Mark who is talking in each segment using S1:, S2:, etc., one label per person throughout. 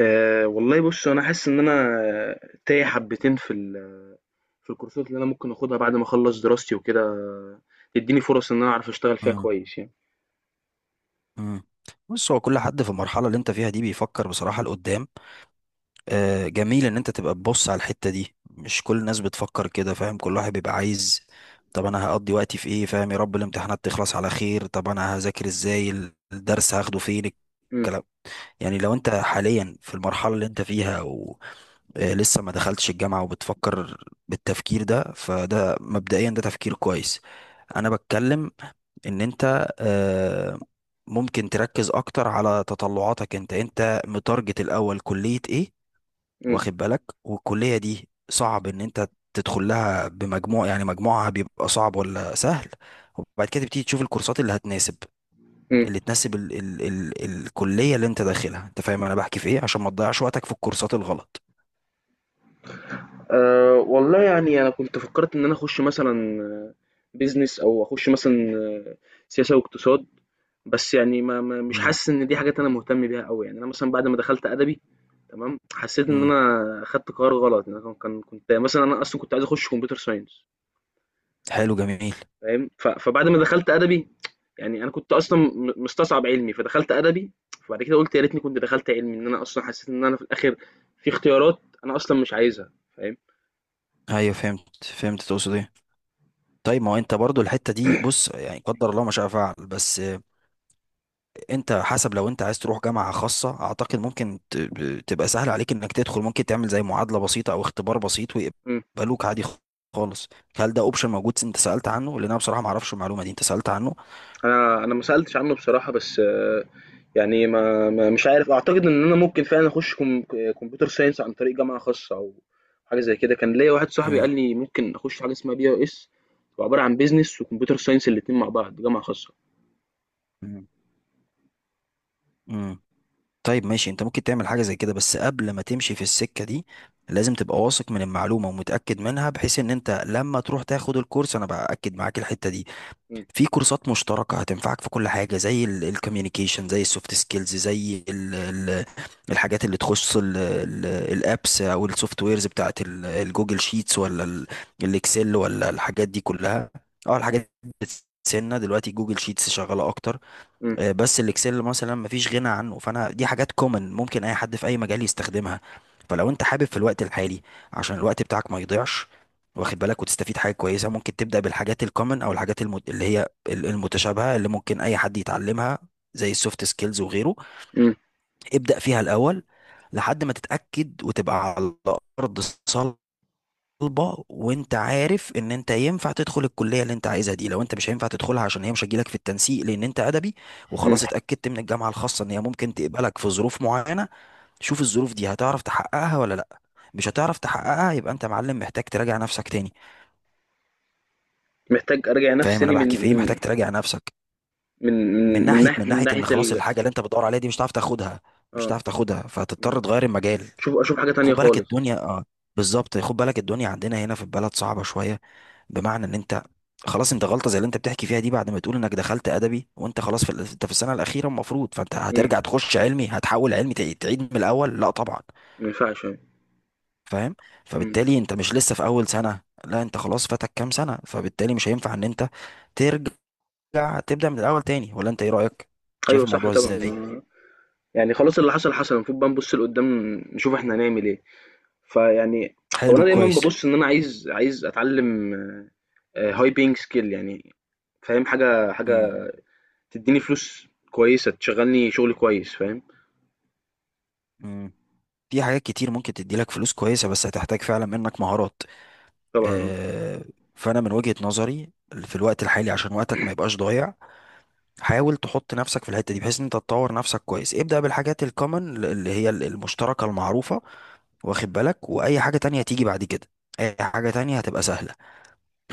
S1: أه والله بص انا حاسس ان انا تايه حبتين في الكورسات اللي انا ممكن اخدها بعد ما اخلص دراستي وكده، تديني فرص ان انا اعرف اشتغل فيها
S2: مم.
S1: كويس يعني.
S2: مم. بص، هو كل حد في المرحلة اللي انت فيها دي بيفكر بصراحة لقدام. آه، جميل ان انت تبقى تبص على الحتة دي، مش كل الناس بتفكر كده، فاهم؟ كل واحد بيبقى عايز، طب انا هقضي وقتي في ايه؟ فاهم؟ يا رب الامتحانات تخلص على خير. طب انا هذاكر ازاي؟ الدرس هاخده فين؟
S1: مم.
S2: الكلام يعني لو انت حاليا في المرحلة اللي انت فيها ولسه ما دخلتش الجامعة وبتفكر بالتفكير ده، فده مبدئيا ده تفكير كويس. انا بتكلم ان انت ممكن تركز اكتر على تطلعاتك. انت متارجت الاول كلية ايه؟
S1: مم.
S2: واخد بالك؟ والكلية دي صعب ان انت تدخل لها بمجموع؟ يعني مجموعها بيبقى صعب ولا سهل؟ وبعد كده تبتدي تشوف الكورسات اللي هتناسب،
S1: مم.
S2: اللي تناسب ال ال ال الكلية اللي انت داخلها. انت فاهم انا بحكي في ايه؟ عشان ما تضيعش وقتك في الكورسات الغلط.
S1: أه والله يعني انا كنت فكرت ان انا اخش مثلا بيزنس او اخش مثلا سياسه واقتصاد. بس يعني مش
S2: مم.
S1: حاسس ان دي حاجات انا مهتم بيها قوي يعني. انا مثلا بعد ما دخلت ادبي تمام، حسيت ان
S2: مم.
S1: انا خدت قرار غلط يعني. أنا كنت مثلا، انا اصلا كنت عايز اخش كمبيوتر ساينس
S2: حلو، جميل.
S1: فاهم؟ فبعد ما دخلت ادبي يعني أنا كنت أصلًا مستصعب علمي، فدخلت أدبي، فبعد كده قُلت يا ريتني كنت دخلت علمي، إن أنا أصلًا حسيت إن أنا في الآخر في اختيارات أنا أصلًا مش عايزها، فاهم؟
S2: ايوه، فهمت، فهمت تقصد ايه. طيب، ما هو انت برضو الحتة دي، بص، يعني قدر الله ما شاء فعل، بس انت حسب، لو انت عايز تروح جامعة خاصة اعتقد ممكن تبقى سهل عليك انك تدخل. ممكن تعمل زي معادلة بسيطة او اختبار بسيط
S1: إمم.
S2: ويقبلوك عادي خالص. هل ده اوبشن موجود؟ انت سألت عنه؟ لان انا بصراحة ما اعرفش المعلومة دي، انت سألت عنه؟
S1: أنا ما سألتش عنه بصراحة، بس يعني ما ما مش عارف، أعتقد إن أنا ممكن فعلًا أخُش كم ك computer science عن طريق جامعة خاصة أو حاجة زي كده. كان ليّا واحد صاحبي
S2: امم.
S1: قال لي ممكن أخُش حاجة اسمها BIS، هو عبارة عن business وcomputer science الاتنين مع بعض، جامعة خاصة.
S2: مم. امم. طيب، ماشي، انت ممكن تعمل حاجة زي كده، بس قبل ما تمشي في السكة دي لازم تبقى واثق من المعلومة ومتأكد منها، بحيث ان انت لما تروح تاخد الكورس، انا بأكد معاك الحتة دي.
S1: إمم.
S2: في كورسات مشتركة هتنفعك في كل حاجة، زي الكوميونيكيشن، زي السوفت سكيلز، زي ال الحاجات اللي تخص الابس او السوفت ويرز بتاعت الجوجل شيتس، ولا الاكسل، ولا الحاجات دي كلها. اه، الحاجات دي بتسيبنا دلوقتي. جوجل شيتس شغالة اكتر،
S1: إمم.
S2: بس الاكسل مثلا مفيش غنى عنه. فانا دي حاجات كومن، ممكن اي حد في اي مجال يستخدمها. فلو انت حابب في الوقت الحالي، عشان الوقت بتاعك ما يضيعش، واخد بالك، وتستفيد حاجه كويسه، ممكن تبدا بالحاجات الكومن، او الحاجات اللي هي المتشابهه، اللي ممكن اي حد يتعلمها، زي السوفت سكيلز وغيره.
S1: إمم.
S2: ابدا فيها الاول، لحد ما تتاكد وتبقى على ارض طالبه، وانت عارف ان انت ينفع تدخل الكليه اللي انت عايزها دي. لو انت مش هينفع تدخلها عشان هي مش هتجيلك في التنسيق، لان انت ادبي،
S1: إمم.
S2: وخلاص اتاكدت من الجامعه الخاصه ان هي ممكن تقبلك في ظروف معينه، شوف الظروف دي هتعرف تحققها ولا لا. مش هتعرف تحققها، يبقى انت يا معلم محتاج تراجع نفسك تاني.
S1: محتاج أراجع نفسي
S2: فاهم انا
S1: تاني من
S2: بحكي في ايه؟
S1: من
S2: محتاج تراجع نفسك
S1: من
S2: من
S1: من من
S2: ناحيه
S1: ناح
S2: من
S1: من
S2: ناحيه
S1: ناحية
S2: ان خلاص الحاجه اللي انت بتدور عليها دي مش هتعرف تاخدها. مش
S1: آه،
S2: هتعرف تاخدها،
S1: إمم.
S2: فهتضطر تغير المجال.
S1: أشوف حاجة تانية
S2: خد بالك
S1: خالص.
S2: الدنيا، اه، بالظبط. خد بالك الدنيا عندنا هنا في البلد صعبة شوية، بمعنى ان انت خلاص، انت غلطة زي اللي انت بتحكي فيها دي بعد ما تقول انك دخلت ادبي وانت خلاص في انت في السنة الأخيرة المفروض، فانت
S1: إمم.
S2: هترجع تخش علمي؟ هتحول علمي؟ تعيد من الأول؟ لا طبعا.
S1: ما ينفعش يعني.
S2: فاهم؟
S1: إمم.
S2: فبالتالي انت مش لسه في أول سنة، لا، انت خلاص فاتك كام سنة، فبالتالي مش هينفع ان انت ترجع تبدأ من الأول تاني، ولا انت ايه رأيك؟ شايف
S1: أيوه صح
S2: الموضوع
S1: طبعًا،
S2: ازاي؟
S1: ما يعني خلاص اللي حصل حصل، المفروض بقى نبُص لقدّام نشوف إحنا هنعمل إيه. فيعني هو
S2: حلو،
S1: أنا دايمًا
S2: كويس.
S1: بابُص إن أنا عايز أتعلّم high paying skill يعني فاهم، حاجة
S2: امم.
S1: حاجة تدّيني فلوس كويسة، تشغّلني شغل كويس فاهم.
S2: امم. في حاجات كتير ممكن تدي لك فلوس كويسة، بس هتحتاج فعلا منك مهارات.
S1: طبعًا آه.
S2: آه، فانا من وجهة نظري في الوقت الحالي، عشان وقتك ما يبقاش ضايع، حاول تحط نفسك في الحتة دي، بحيث ان انت تطور نفسك كويس. ابدأ بالحاجات الكومن اللي هي المشتركة المعروفة، واخد بالك؟ واي حاجة تانية هتيجي بعد كده، اي حاجة تانية هتبقى سهلة.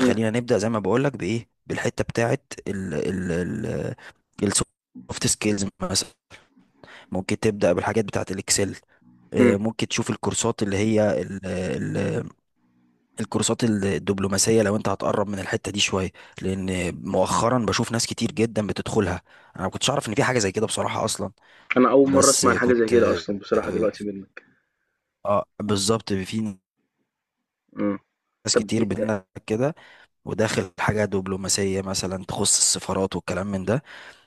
S1: إمم.
S2: نبدأ زي ما بقولك بايه، بالحتة بتاعت ال السوفت سكيلز مثلا. ممكن تبدأ بالحاجات بتاعت الاكسل.
S1: إمم.
S2: ممكن تشوف الكورسات اللي هي الكورسات الدبلوماسية، لو انت هتقرب من الحتة دي شوية، لان مؤخرا بشوف ناس كتير جدا بتدخلها. انا ما كنتش اعرف ان في حاجة زي كده بصراحة اصلا،
S1: أنا أول مرّة
S2: بس
S1: أسمع عن حاجة زي
S2: كنت،
S1: كده أصلًا بصراحة دلوقتي منّك.
S2: اه، بالظبط، في
S1: آه،
S2: ناس
S1: طَب دي
S2: كتير
S1: أ،
S2: بينا كده، وداخل حاجة دبلوماسية مثلا، تخص السفارات والكلام من ده.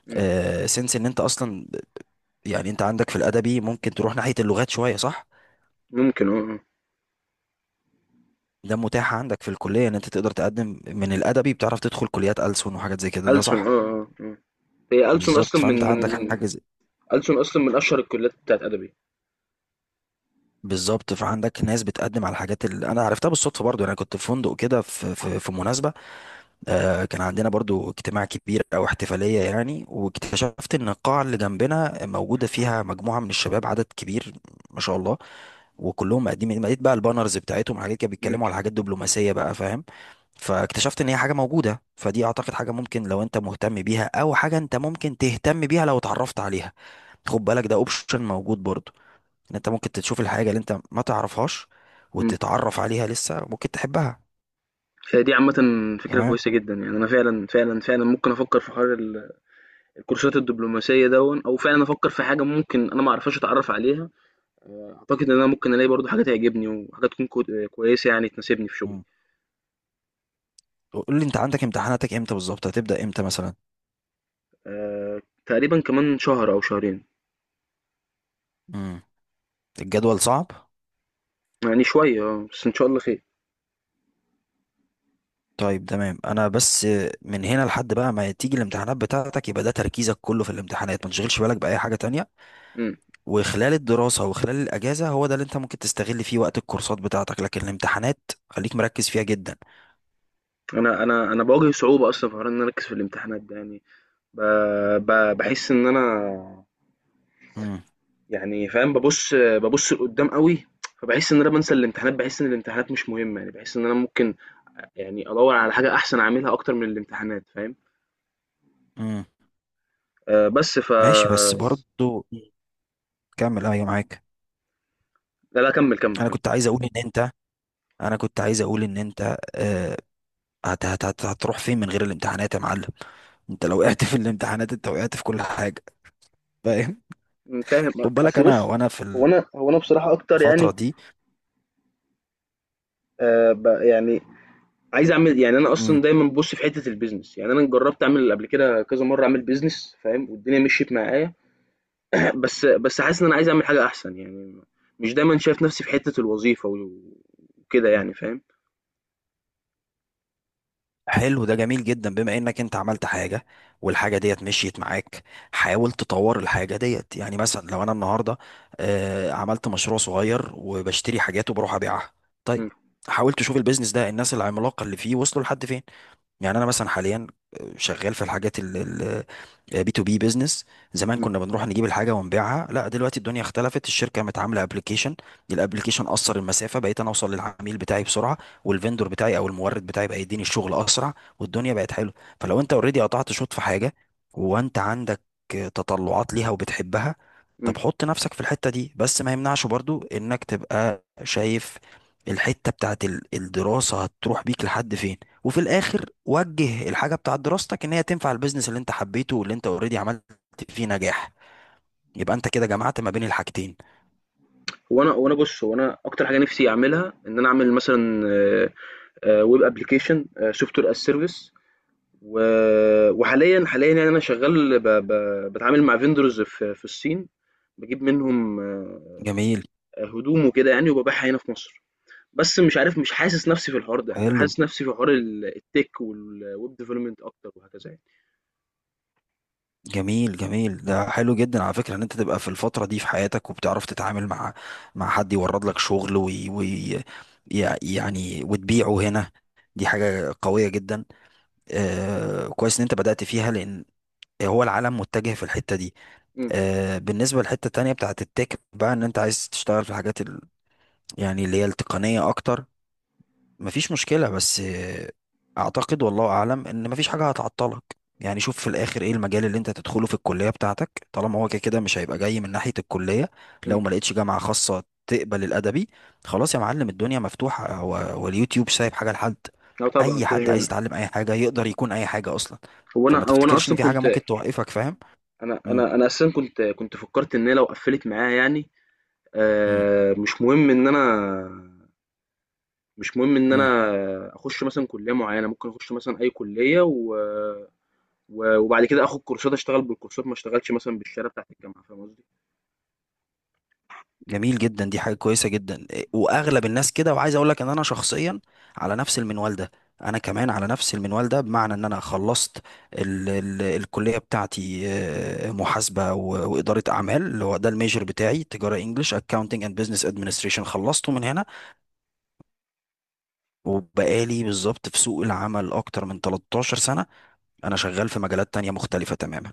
S1: إمم،
S2: آه، سنس ان انت اصلا، يعني انت عندك في الادبي ممكن تروح ناحية اللغات شوية، صح؟
S1: ممكن آه، آه،
S2: ده متاح عندك في الكلية ان انت تقدر تقدم من الادبي، بتعرف تدخل كليات ألسن وحاجات زي كده، ده
S1: ألسُن
S2: صح؟
S1: آه، آه، آه. هي ألسن
S2: بالظبط،
S1: أصلا
S2: فانت
S1: من من
S2: عندك
S1: من،
S2: حاجة.
S1: ألسن أصلا من أشهر الكليات بتاعة أدبي.
S2: بالظبط، فعندك ناس بتقدم على الحاجات اللي انا عرفتها بالصدفه برضو. انا كنت في فندق كده، في في مناسبه، آه، كان عندنا برضو اجتماع كبير او احتفاليه يعني، واكتشفت ان القاعه اللي جنبنا موجوده فيها مجموعه من الشباب، عدد كبير ما شاء الله، وكلهم مقدمين. لقيت بقى البانرز بتاعتهم حاجات كده،
S1: إمم.
S2: بيتكلموا على حاجات دبلوماسيه بقى، فاهم؟ فاكتشفت ان هي حاجه موجوده. فدي اعتقد حاجه ممكن، لو انت مهتم بيها، او حاجه انت ممكن تهتم بيها لو اتعرفت عليها. خد بالك، ده اوبشن موجود برضو، ان انت ممكن تشوف الحاجه اللي انت ما تعرفهاش،
S1: إمم.
S2: وتتعرف عليها، لسه ممكن تحبها.
S1: هي دي عامةً فكرة
S2: تمام.
S1: كويسة جدًا، يعني أنا فعلًا، فعلًا، فعلًا ممكن أفكّر في حوار الكورسات الدبلوماسية دوًّا أو فعلًا أفكّر في حاجة ممكن أنا ما أعرفهاش أتعرّف عليها، أعتقد إن أنا ممكن ألاقي برضه حاجة تعجبني وحاجة تكون كو كويسة يعني تناسبني في شغلي.
S2: مم. قول لي، انت عندك امتحاناتك امتى بالظبط؟ هتبدا امتى مثلا؟
S1: تقريبًا كمان شهر أو شهرين.
S2: مم. الجدول صعب؟
S1: يعني شوية آه، بس إن شاء الله خير.
S2: طيب تمام. انا بس، من هنا لحد بقى ما تيجي الامتحانات بتاعتك، يبقى ده تركيزك كله في الامتحانات، ما تشغلش بالك باي حاجه تانية.
S1: إمم.
S2: وخلال الدراسه وخلال الاجازه، هو ده اللي انت ممكن تستغل فيه وقت الكورسات بتاعتك، لكن الامتحانات خليك مركز فيها جدا.
S1: أنا باواجه صعوبة أصلًا في حوار إن أنا أركّز في الامتحانات ده يعني ب ب باحس إن أنا
S2: مم.
S1: يعني فاهم ببص لقدام قوي. فبحس ان انا بنسى الامتحانات، بحس ان الامتحانات مش مهمه يعني، بحس ان انا ممكن يعني ادور على حاجه احسن اعملها اكتر من الامتحانات فاهم.
S2: مم.
S1: آه بس
S2: ماشي، بس برضو، كمل، ايوه، معاك.
S1: لا لا كمل كمل
S2: انا
S1: كمل.
S2: كنت عايز اقول ان انت انا كنت عايز اقول ان انت، هتروح فين من غير الامتحانات يا معلم؟ انت لو وقعت في الامتحانات، انت وقعت في كل حاجه. فاهم؟
S1: فاهم.
S2: خد بالك،
S1: اصل
S2: انا
S1: بص
S2: وانا في
S1: هو انا بصراحه اكتر يعني
S2: الفتره دي.
S1: يعني عايز اعمل يعني انا اصلا
S2: امم.
S1: دايما ببص في حته البيزنس يعني، انا جربت اعمل قبل كده كذا مره اعمل بيزنس فاهم، والدنيا مشيت معايا. بس بس حاسس ان انا عايز اعمل حاجه احسن يعني. مش دايما شايف نفسي في حته الوظيفه وكده يعني فاهم.
S2: حلو، ده جميل جدا، بما انك انت عملت حاجه والحاجه ديت مشيت معاك. حاول تطور الحاجه ديت. يعني مثلا لو انا النهارده، عملت مشروع صغير وبشتري حاجات وبروح ابيعها، طيب،
S1: إمم.
S2: حاول تشوف البيزنس ده، الناس العملاقه اللي فيه وصلوا لحد فين. يعني انا مثلا حاليا، شغال في الحاجات ال بي تو بي بيزنس. زمان
S1: إمم.
S2: كنا بنروح نجيب الحاجه ونبيعها، لا دلوقتي الدنيا اختلفت، الشركه قامت عامله ابلكيشن، الابلكيشن قصر المسافه، بقيت انا اوصل للعميل بتاعي بسرعه، والفندور بتاعي او المورد بتاعي بقى يديني الشغل اسرع، والدنيا بقت حلوه. فلو انت اوريدي قطعت شوط في حاجه، وانت عندك تطلعات ليها وبتحبها،
S1: إمم.
S2: طب حط نفسك في الحته دي، بس ما يمنعش برضو انك تبقى شايف الحته بتاعت الدراسه هتروح بيك لحد فين. وفي الاخر وجه الحاجه بتاعت دراستك ان هي تنفع البيزنس اللي انت حبيته واللي انت اوريدي عملت فيه نجاح، يبقى انت كده جمعت ما بين الحاجتين.
S1: هو أنا بُص، هو أنا أكتر حاجة نِفْسي أعملها إن أنا أعمل مثلًا web application software as service و وحاليًا يعني أنا شغّال ب ب باتعامل مع vendors في الصين، باجيب منهم
S2: جميل.
S1: هدوم وكده يعني وبابيعها هنا في مصر. بس مش عارف، مش حاسس نَفْسي في الحوار ده، يعني أنا
S2: حلو،
S1: حاسس نَفْسي في حوار ال الtech والweb development أكتر وهكذا يعني.
S2: جميل، جميل. ده حلو جدا على فكره ان انت تبقى في الفتره دي في حياتك وبتعرف تتعامل مع مع حد يورد لك شغل يعني وتبيعه هنا. دي حاجه قويه جدا. آه، كويس ان انت بدأت فيها، لان هو العالم متجه في الحته دي.
S1: إمم.
S2: آه، بالنسبه للحته التانيه بتاعت التك بقى، ان انت عايز تشتغل في الحاجات، يعني اللي هي التقنية أكتر، مفيش مشكلة. بس أعتقد والله أعلم إن مفيش حاجة هتعطلك. يعني شوف في الآخر إيه المجال اللي أنت تدخله في الكلية بتاعتك، طالما هو كده كده مش هيبقى جاي من ناحية الكلية.
S1: إمم.
S2: لو ما لقيتش جامعة خاصة تقبل الأدبي، خلاص يا معلم، الدنيا مفتوحة، هو واليوتيوب سايب حاجة لحد؟
S1: آه طبعًا
S2: أي
S1: كده،
S2: حد عايز
S1: كده.
S2: يتعلم أي حاجة يقدر يكون أي حاجة أصلا.
S1: هو أنا
S2: فما
S1: هو أنا
S2: تفتكرش إن
S1: أصلًا
S2: في حاجة
S1: كنت
S2: ممكن توقفك، فاهم؟
S1: أنا
S2: مم.
S1: أنا أنا أساسًا كنت فكّرت إن هي لو قفّلت معايا يعني آه، مش مهم ان انا مش مهم ان
S2: مم.
S1: انا اخش مثلا كليه معينه ممكن اخش مثلا اي كليه وبعد كده اخد كورسات اشتغل بالكورسات ما اشتغلش مثلا بالشهاده بتاعت الجامعه فاهم قصدي.
S2: جميل جدا، دي حاجة كويسة جدا، إيه، وأغلب الناس كده. وعايز أقول لك إن أنا شخصيا على نفس المنوال ده. أنا كمان على نفس المنوال ده، بمعنى إن أنا خلصت ال الكلية بتاعتي، محاسبة وإدارة أعمال، اللي هو ده الميجر بتاعي، تجارة إنجلش، أكاونتنج أند بزنس أدمنستريشن، خلصته من هنا. وبقالي بالظبط في سوق العمل أكتر من 13 سنة، أنا شغال في مجالات تانية مختلفة تماما.